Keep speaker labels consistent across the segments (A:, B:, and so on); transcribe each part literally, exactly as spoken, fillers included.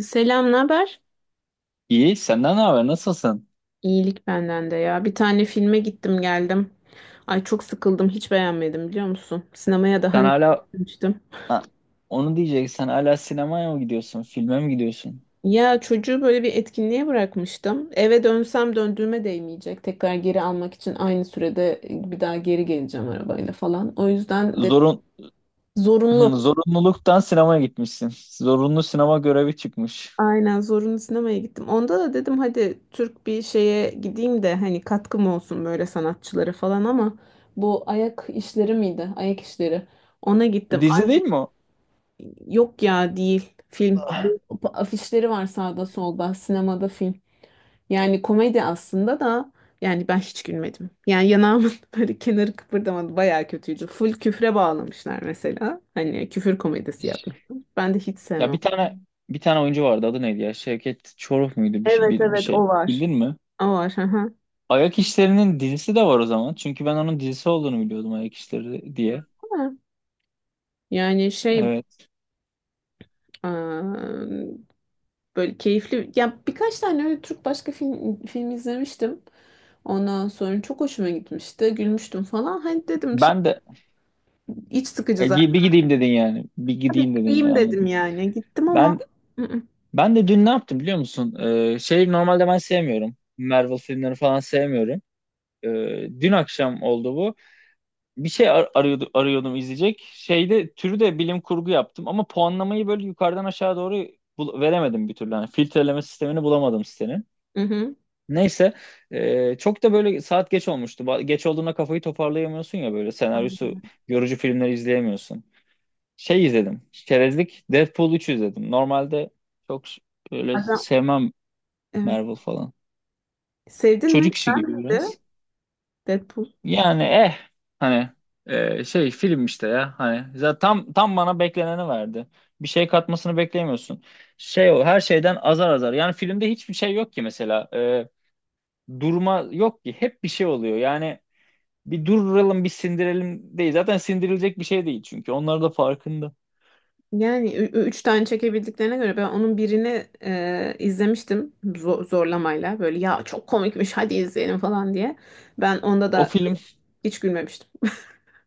A: Selam, ne haber?
B: İyi, senden ne haber? Nasılsın?
A: İyilik benden de ya. Bir tane filme gittim geldim. Ay çok sıkıldım, hiç beğenmedim biliyor musun? Sinemaya daha
B: Sen
A: önce
B: hala,
A: gitmiştim.
B: ha, onu diyeceksen hala sinemaya mı gidiyorsun? Filme mi gidiyorsun?
A: Ya çocuğu böyle bir etkinliğe bırakmıştım. Eve dönsem döndüğüme değmeyecek. Tekrar geri almak için aynı sürede bir daha geri geleceğim arabayla falan. O yüzden de
B: Zorun Hı,
A: zorunlu.
B: zorunluluktan sinemaya gitmişsin. Zorunlu sinema görevi çıkmış.
A: Aynen zorunlu sinemaya gittim. Onda da dedim hadi Türk bir şeye gideyim de hani katkım olsun böyle sanatçılara falan ama bu ayak işleri miydi? Ayak işleri. Ona gittim.
B: Dizi
A: Ay,
B: değil mi o?
A: yok ya değil film. Bu afişleri var sağda solda sinemada film. Yani komedi aslında da yani ben hiç gülmedim. Yani yanağımın böyle kenarı kıpırdamadı. Bayağı kötüydü. Full küfre bağlamışlar mesela. Hani küfür komedisi yapmışlar. Ben de hiç
B: Ya
A: sevmem.
B: bir tane bir tane oyuncu vardı. Adı neydi ya? Şevket Çoruh muydu bir, şey-
A: Evet,
B: bir, bir
A: evet,
B: şey.
A: o var.
B: Bildin mi?
A: O var. Hı hı.
B: Ayak İşleri'nin dizisi de var o zaman. Çünkü ben onun dizisi olduğunu biliyordum Ayak İşleri diye.
A: Yani şey
B: Evet.
A: eee, böyle keyifli ya birkaç tane öyle Türk başka film, film izlemiştim. Ondan sonra çok hoşuma gitmişti. Gülmüştüm falan. Hani dedim şey,
B: Ben de
A: iç sıkıcı
B: e,
A: zaten.
B: gi- bir gideyim dedin yani. Bir
A: Bir
B: gideyim dedin yani,
A: gideyim dedim
B: anladım.
A: yani. Gittim ama.
B: Ben
A: Hı hı.
B: Ben de dün ne yaptım biliyor musun? Ee, şey, normalde ben sevmiyorum. Marvel filmlerini falan sevmiyorum. Ee, dün akşam oldu bu. Bir şey ar- arıyordu, arıyordum izleyecek. Şeyde türü de bilim kurgu yaptım ama puanlamayı böyle yukarıdan aşağı doğru bul- veremedim bir türlü. Yani filtreleme sistemini bulamadım sitenin.
A: Hı hı.
B: Neyse ee, çok da böyle saat geç olmuştu. Ba- Geç olduğunda kafayı toparlayamıyorsun ya, böyle senaryosu yorucu filmleri izleyemiyorsun. Şey izledim. Çerezlik, Deadpool üç izledim. Normalde çok ş- böyle
A: Adam,
B: sevmem
A: evet.
B: Marvel falan.
A: Sevdin mi?
B: Çocuk işi
A: Ben
B: gibi
A: de
B: biraz.
A: Deadpool.
B: Yani eh hani eh, şey, film işte ya, hani zaten tam tam bana bekleneni verdi. Bir şey katmasını beklemiyorsun. Şey, o her şeyden azar azar. Yani filmde hiçbir şey yok ki mesela. Eh, durma yok ki. Hep bir şey oluyor. Yani bir duralım bir sindirelim değil. Zaten sindirilecek bir şey değil çünkü. Onlar da farkında.
A: Yani ü- ü- üç tane çekebildiklerine göre ben onun birini e, izlemiştim zo- zorlamayla böyle ya çok komikmiş hadi izleyelim falan diye. Ben onda
B: O
A: da
B: film
A: hiç gülmemiştim.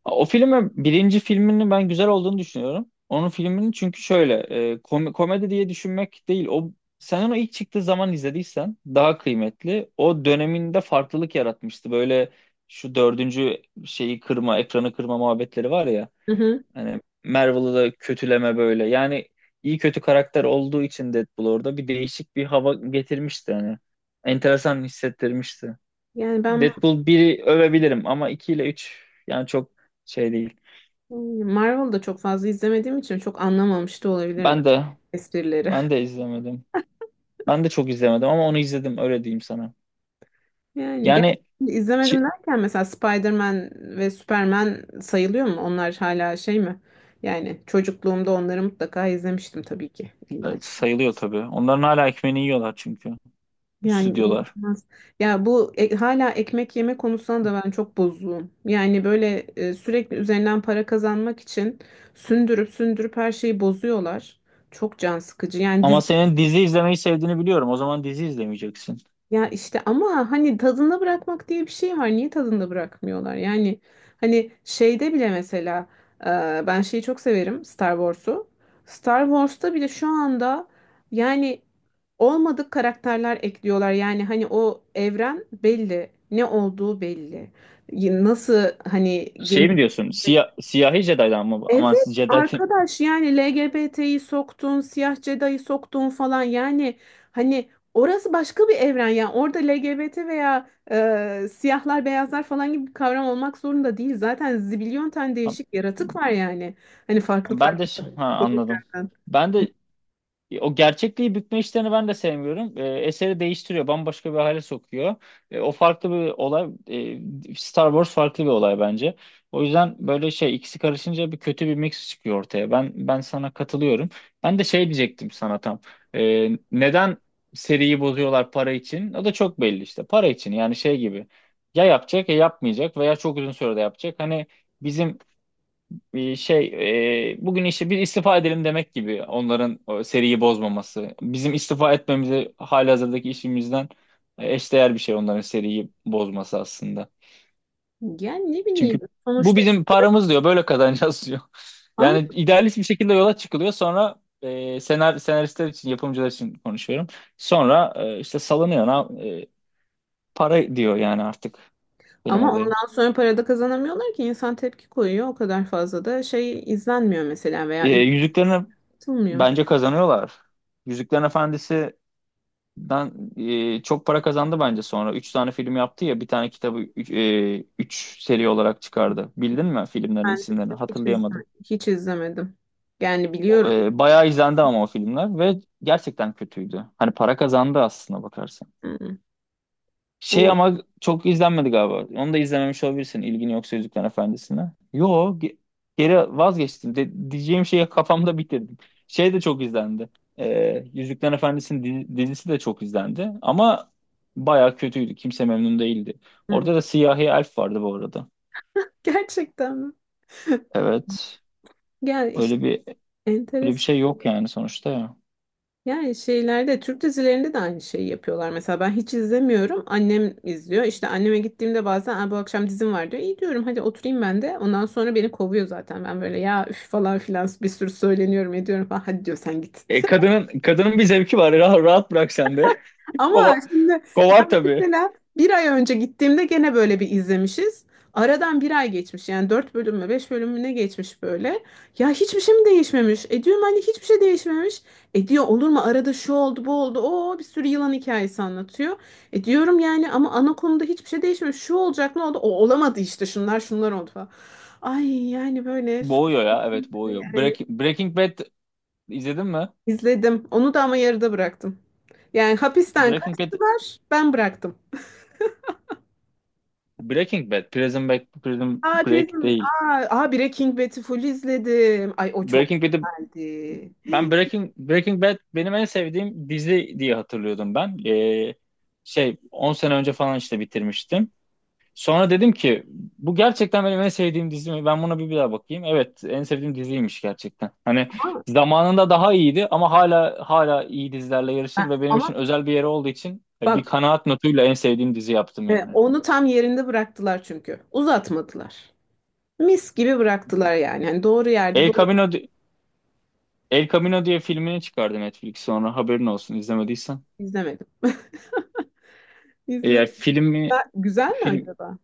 B: O filmi, birinci filmini ben güzel olduğunu düşünüyorum. Onun filmini çünkü şöyle, e, kom- komedi diye düşünmek değil. O, sen onu ilk çıktığı zaman izlediysen daha kıymetli. O döneminde farklılık yaratmıştı. Böyle şu dördüncü şeyi kırma, ekranı kırma muhabbetleri var ya.
A: Hı hı.
B: Hani Marvel'ı da kötüleme böyle. Yani iyi kötü karakter olduğu için Deadpool orada bir değişik bir hava getirmişti hani. Enteresan hissettirmişti.
A: Yani ben.
B: Deadpool biri övebilirim ama iki ile üç yani çok şey değil.
A: Hmm, Marvel'ı da çok fazla izlemediğim için çok anlamamış da olabilirim
B: Ben de
A: esprileri.
B: ben de izlemedim. Ben de çok izlemedim ama onu izledim, öyle diyeyim sana.
A: Yani gel
B: Yani
A: izlemedim
B: çi-
A: derken mesela Spider-Man ve Superman sayılıyor mu? Onlar hala şey mi? Yani çocukluğumda onları mutlaka izlemiştim tabii ki. İlla.
B: evet, sayılıyor tabii. Onların hala ekmeğini yiyorlar çünkü
A: Yani
B: stüdyolar.
A: inanılmaz. Ya bu e, hala ekmek yeme konusunda da ben çok bozuğum. Yani böyle e, sürekli üzerinden para kazanmak için sündürüp sündürüp her şeyi bozuyorlar. Çok can sıkıcı. Yani
B: Ama senin dizi izlemeyi sevdiğini biliyorum. O zaman dizi izlemeyeceksin.
A: ya işte ama hani tadında bırakmak diye bir şey var. Niye tadında bırakmıyorlar? Yani hani şeyde bile mesela e, ben şeyi çok severim, Star Wars'u. Star Wars'ta bile şu anda yani olmadık karakterler ekliyorlar. Yani hani o evren belli. Ne olduğu belli. Y- Nasıl hani
B: Şey
A: geniş.
B: mi diyorsun? Siyah, siyahi Jedi'dan mı bu? Aman
A: Evet
B: siz Jedi kim?
A: arkadaş, yani L G B T'yi soktun, siyah Jedi'yi soktun falan, yani hani orası başka bir evren, yani orada L G B T veya e, siyahlar beyazlar falan gibi bir kavram olmak zorunda değil. Zaten zibilyon tane değişik yaratık var yani. Hani farklı
B: Ben de,
A: farklı
B: ha anladım.
A: gezegenlerden.
B: Ben de, E, o gerçekliği bükme işlerini ben de sevmiyorum. E, eseri değiştiriyor, bambaşka bir hale sokuyor. E, o farklı bir olay. E, Star Wars farklı bir olay bence. O yüzden böyle şey, ikisi karışınca bir kötü bir mix çıkıyor ortaya. Ben ben sana katılıyorum. Ben de şey diyecektim sana tam. E, neden seriyi bozuyorlar, para için? O da çok belli işte. Para için, yani şey gibi. Ya yapacak, ya yapmayacak, veya çok uzun sürede yapacak. Hani bizim bir şey, e, bugün işte bir istifa edelim demek gibi onların o seriyi bozmaması. Bizim istifa etmemizi halihazırdaki işimizden, e, eşdeğer bir şey onların seriyi bozması aslında.
A: Yani ne bileyim
B: Çünkü bu
A: sonuçta
B: bizim paramız diyor, böyle kazanacağız diyor.
A: ama,
B: Yani idealist bir şekilde yola çıkılıyor, sonra e, senar, senaristler için, yapımcılar için konuşuyorum. Sonra e, işte salınıyor, na- e, para diyor yani, artık benim
A: ama
B: olayım.
A: ondan sonra para da kazanamıyorlar ki, insan tepki koyuyor, o kadar fazla da şey izlenmiyor mesela
B: E,
A: veya
B: yüzüklerini
A: üretilmiyor.
B: bence kazanıyorlar. Yüzüklerin Efendisi, Ben e, çok para kazandı bence sonra. Üç tane film yaptı ya, bir tane kitabı üç, e, üç seri olarak çıkardı. Bildin mi filmlerin
A: Ben de
B: isimlerini?
A: hiç
B: Hatırlayamadım.
A: izlemedim. Hiç izlemedim. Yani
B: O,
A: biliyorum.
B: E, bayağı izlendi ama o filmler, ve gerçekten kötüydü. Hani para kazandı, aslında bakarsan.
A: Hı,
B: Şey,
A: bu
B: ama çok izlenmedi galiba. Onu da izlememiş olabilirsin ilgin yoksa Yüzüklerin Efendisi'ne. Yo, ge- geri vazgeçtim. De- diyeceğim şeyi kafamda bitirdim. Şey de çok izlendi. Ee, Yüzüklerin Efendisi'nin di- dizisi de çok izlendi. Ama baya kötüydü. Kimse memnun değildi.
A: hı.
B: Orada da siyahi elf vardı bu arada.
A: Gerçekten mi?
B: Evet.
A: Yani işte
B: Öyle bir öyle bir
A: enteresan.
B: şey yok yani sonuçta ya.
A: Yani şeylerde, Türk dizilerinde de aynı şeyi yapıyorlar. Mesela ben hiç izlemiyorum. Annem izliyor. İşte anneme gittiğimde bazen "Aa, bu akşam dizim var" diyor. İyi diyorum, hadi oturayım ben de. Ondan sonra beni kovuyor zaten. Ben böyle ya üf falan filan bir sürü söyleniyorum ediyorum falan. Hadi diyor sen git.
B: E, kadının kadının bir zevki var. Rahat, rahat bırak sen de.
A: Ama
B: Kova,
A: şimdi
B: Kovar tabii.
A: mesela bir ay önce gittiğimde gene böyle bir izlemişiz. Aradan bir ay geçmiş, yani dört bölüm mü beş bölüm mü ne geçmiş böyle. Ya hiçbir şey mi değişmemiş? E diyorum, hani hiçbir şey değişmemiş. E diyor, olur mu, arada şu oldu bu oldu. Oo bir sürü yılan hikayesi anlatıyor. E diyorum, yani ama ana konuda hiçbir şey değişmemiş. Şu olacak, ne oldu? O olamadı, işte şunlar şunlar oldu falan. Ay yani böyle
B: Boğuyor ya, evet
A: sürekli
B: boğuyor.
A: yani.
B: Break- Breaking Bad. İzledin mi?
A: İzledim. Onu da ama yarıda bıraktım. Yani hapisten
B: Breaking Bad,
A: kaçtılar, ben bıraktım.
B: Breaking Bad, Prison Break, Prison
A: Aa
B: Break
A: Prison.
B: değil.
A: Aa, aa, Breaking Bad'i full izledim. Ay o çok
B: Breaking Bad'i
A: güzeldi.
B: ben Breaking Breaking Bad benim en sevdiğim dizi diye hatırlıyordum ben. Ee, şey, on sene önce falan işte bitirmiştim. Sonra dedim ki, bu gerçekten benim en sevdiğim dizi mi? Ben buna bir, bir daha bakayım. Evet, en sevdiğim diziymiş gerçekten. Hani
A: Ama,
B: zamanında daha iyiydi ama hala hala iyi dizilerle yarışır, ve benim için
A: ama
B: özel bir yeri olduğu için e, bir
A: bak,
B: kanaat notuyla en sevdiğim dizi yaptım
A: e,
B: yani.
A: onu tam yerinde bıraktılar çünkü. Uzatmadılar. Mis gibi bıraktılar yani. Hani doğru yerde
B: El
A: doğru.
B: Camino El Camino diye filmini çıkardı Netflix sonra, haberin olsun izlemediysen.
A: izlemedim. İzle.
B: E, filmi
A: Ben- Güzel mi
B: Film
A: acaba?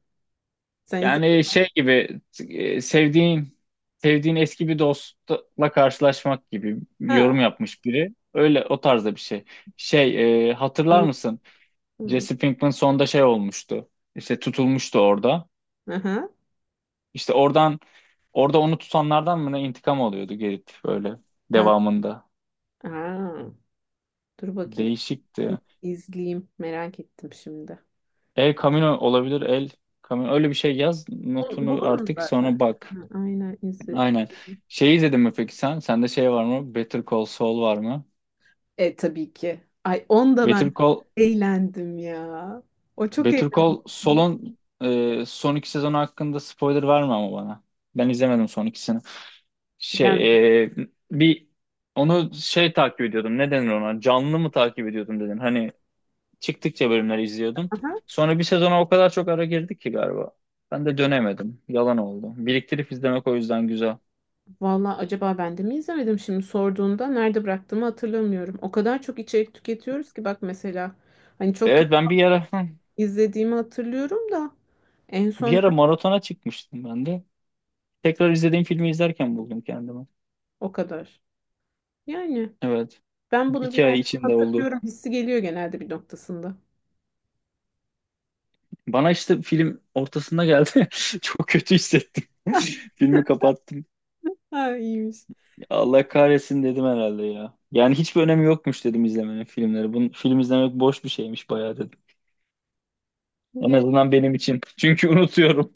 A: Sen izledin
B: yani
A: mi?
B: şey gibi, e, sevdiğin sevdiğin eski bir dostla karşılaşmak gibi
A: Ha,
B: yorum yapmış biri. Öyle, o tarzda bir şey. Şey, e, hatırlar
A: tamam.
B: mısın? Jesse Pinkman sonda şey olmuştu. İşte tutulmuştu orada.
A: Aha.
B: İşte oradan orada onu tutanlardan mı ne intikam alıyordu gelip böyle
A: Ha.
B: devamında.
A: Aa, dur bakayım. İ-
B: Değişikti.
A: İzleyeyim. Merak ettim şimdi.
B: El Camino olabilir. El Camino. Öyle bir şey yaz.
A: Bul-
B: Notunu
A: Bulurum
B: artık
A: zaten.
B: sonra bak.
A: Ha, aynen izi.
B: Aynen. Şey, izledin mi peki sen? Sende şey var mı, Better Call Saul var mı?
A: E tabii ki. Ay onda
B: Better
A: ben
B: Call,
A: eğlendim ya. O çok
B: Better Call
A: eğlendim.
B: Saul'un e, son iki sezonu hakkında spoiler verme ama bana. Ben izlemedim son ikisini.
A: Yani,
B: Şey, e, bir onu şey takip ediyordum. Ne denir ona? Canlı mı takip ediyordum dedin. Hani, çıktıkça bölümler izliyordum.
A: aha.
B: Sonra bir sezona o kadar çok ara girdik ki galiba. Ben de dönemedim. Yalan oldu. Biriktirip izlemek o yüzden güzel.
A: Valla acaba ben de mi izlemedim, şimdi sorduğunda nerede bıraktığımı hatırlamıyorum. O kadar çok içerik tüketiyoruz ki, bak mesela hani çok
B: Evet, ben bir ara
A: izlediğimi hatırlıyorum da en
B: bir
A: son
B: ara maratona çıkmıştım ben de. Tekrar izlediğim filmi izlerken buldum kendimi.
A: o kadar. Yani
B: Evet.
A: ben bunu bir
B: iki ay
A: yerde
B: içinde oldu.
A: hatırlıyorum hissi geliyor genelde bir noktasında.
B: Bana işte film ortasında geldi. Çok kötü hissettim. Filmi kapattım.
A: Ha iyiymiş.
B: Allah kahretsin dedim herhalde ya. Yani hiçbir önemi yokmuş dedim izlemenin, filmleri. Bunu, film izlemek boş bir şeymiş bayağı dedim. En azından benim için. Çünkü unutuyorum.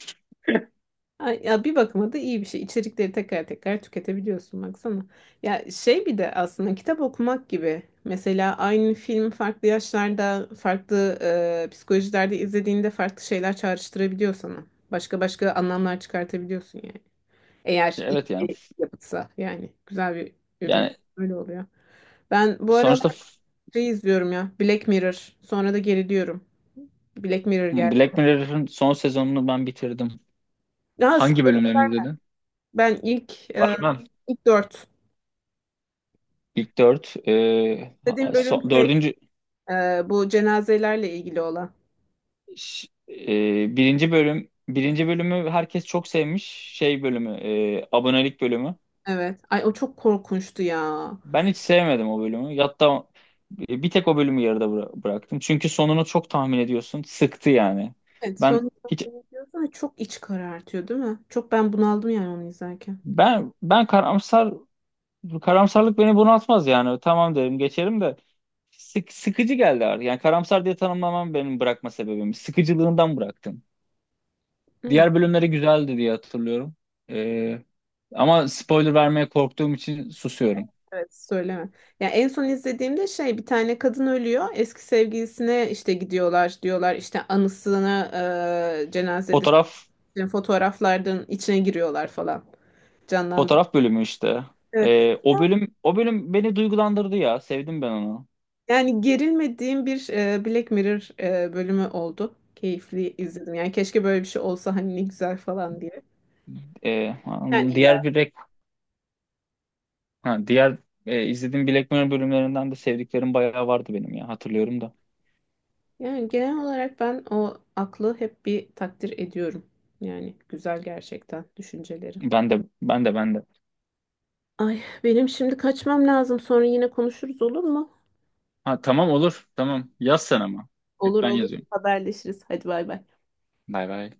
A: Ay, ya bir bakıma da iyi bir şey. İçerikleri tekrar tekrar tüketebiliyorsun baksana. Ya şey, bir de aslında kitap okumak gibi. Mesela aynı film farklı yaşlarda, farklı e, psikolojilerde izlediğinde farklı şeyler çağrıştırabiliyor sana. Başka başka anlamlar çıkartabiliyorsun yani. Eğer iyi
B: Evet yani.
A: bir yapıtsa, yani güzel bir ürün,
B: yani
A: öyle oluyor. Ben bu aralar
B: sonuçta f-
A: şey izliyorum ya, Black Mirror. Sonra da geriliyorum. Black Mirror geldi.
B: Black Mirror'ın son sezonunu ben bitirdim.
A: Ya
B: Hangi bölümlerini izledin?
A: ben ilk e,
B: Vermem.
A: ilk dört.
B: İlk dört. E, ha-
A: Dediğim bölüm
B: so-
A: şey.
B: dördüncü
A: Ee, bu cenazelerle ilgili olan.
B: ş- e, birinci bölüm birinci bölümü herkes çok sevmiş. Şey bölümü, e, abonelik bölümü.
A: Evet. Ay o çok korkunçtu ya.
B: Ben hiç sevmedim o bölümü. Hatta e, bir tek o bölümü yarıda bıra- bıraktım. Çünkü sonunu çok tahmin ediyorsun. Sıktı yani.
A: Evet,
B: Ben
A: sonuçta
B: hiç
A: bunu diyorsun ama çok iç karartıyor değil mi? Çok ben bunaldım yani onu izlerken.
B: ben ben karamsar Bu karamsarlık beni bunaltmaz yani. Tamam derim geçerim, de sık, sıkıcı geldi artık. Yani karamsar diye tanımlamam benim bırakma sebebim. Sıkıcılığından bıraktım.
A: Hı.
B: Diğer bölümleri güzeldi diye hatırlıyorum. Ee, Ama spoiler vermeye korktuğum için susuyorum.
A: Evet söyleme. Ya en son izlediğimde şey, bir tane kadın ölüyor. Eski sevgilisine işte gidiyorlar diyorlar, işte anısına, e, cenazede
B: Fotoğraf
A: işte fotoğraflardan içine giriyorlar falan. Canlandı.
B: Fotoğraf bölümü işte.
A: Evet.
B: Ee, o bölüm o bölüm beni duygulandırdı ya. Sevdim ben onu.
A: Yani gerilmediğim bir e, Black Mirror e, bölümü oldu. Keyifli izledim. Yani keşke böyle bir şey olsa, hani ne güzel falan diye.
B: Ee,
A: Yani
B: anladım.
A: iler.
B: Diğer bilek ha, Diğer e, izlediğim Black Mirror bölümlerinden de sevdiklerim bayağı vardı benim ya, hatırlıyorum da.
A: Yani genel olarak ben o aklı hep bir takdir ediyorum. Yani güzel gerçekten düşünceleri.
B: Ben de, ben de, ben de.
A: Ay benim şimdi kaçmam lazım. Sonra yine konuşuruz, olur mu?
B: Ha, tamam olur. Tamam. Yaz sen ama. Hep
A: Olur,
B: ben
A: olur.
B: yazıyorum.
A: Haberleşiriz. Hadi bay bay.
B: Bay bay.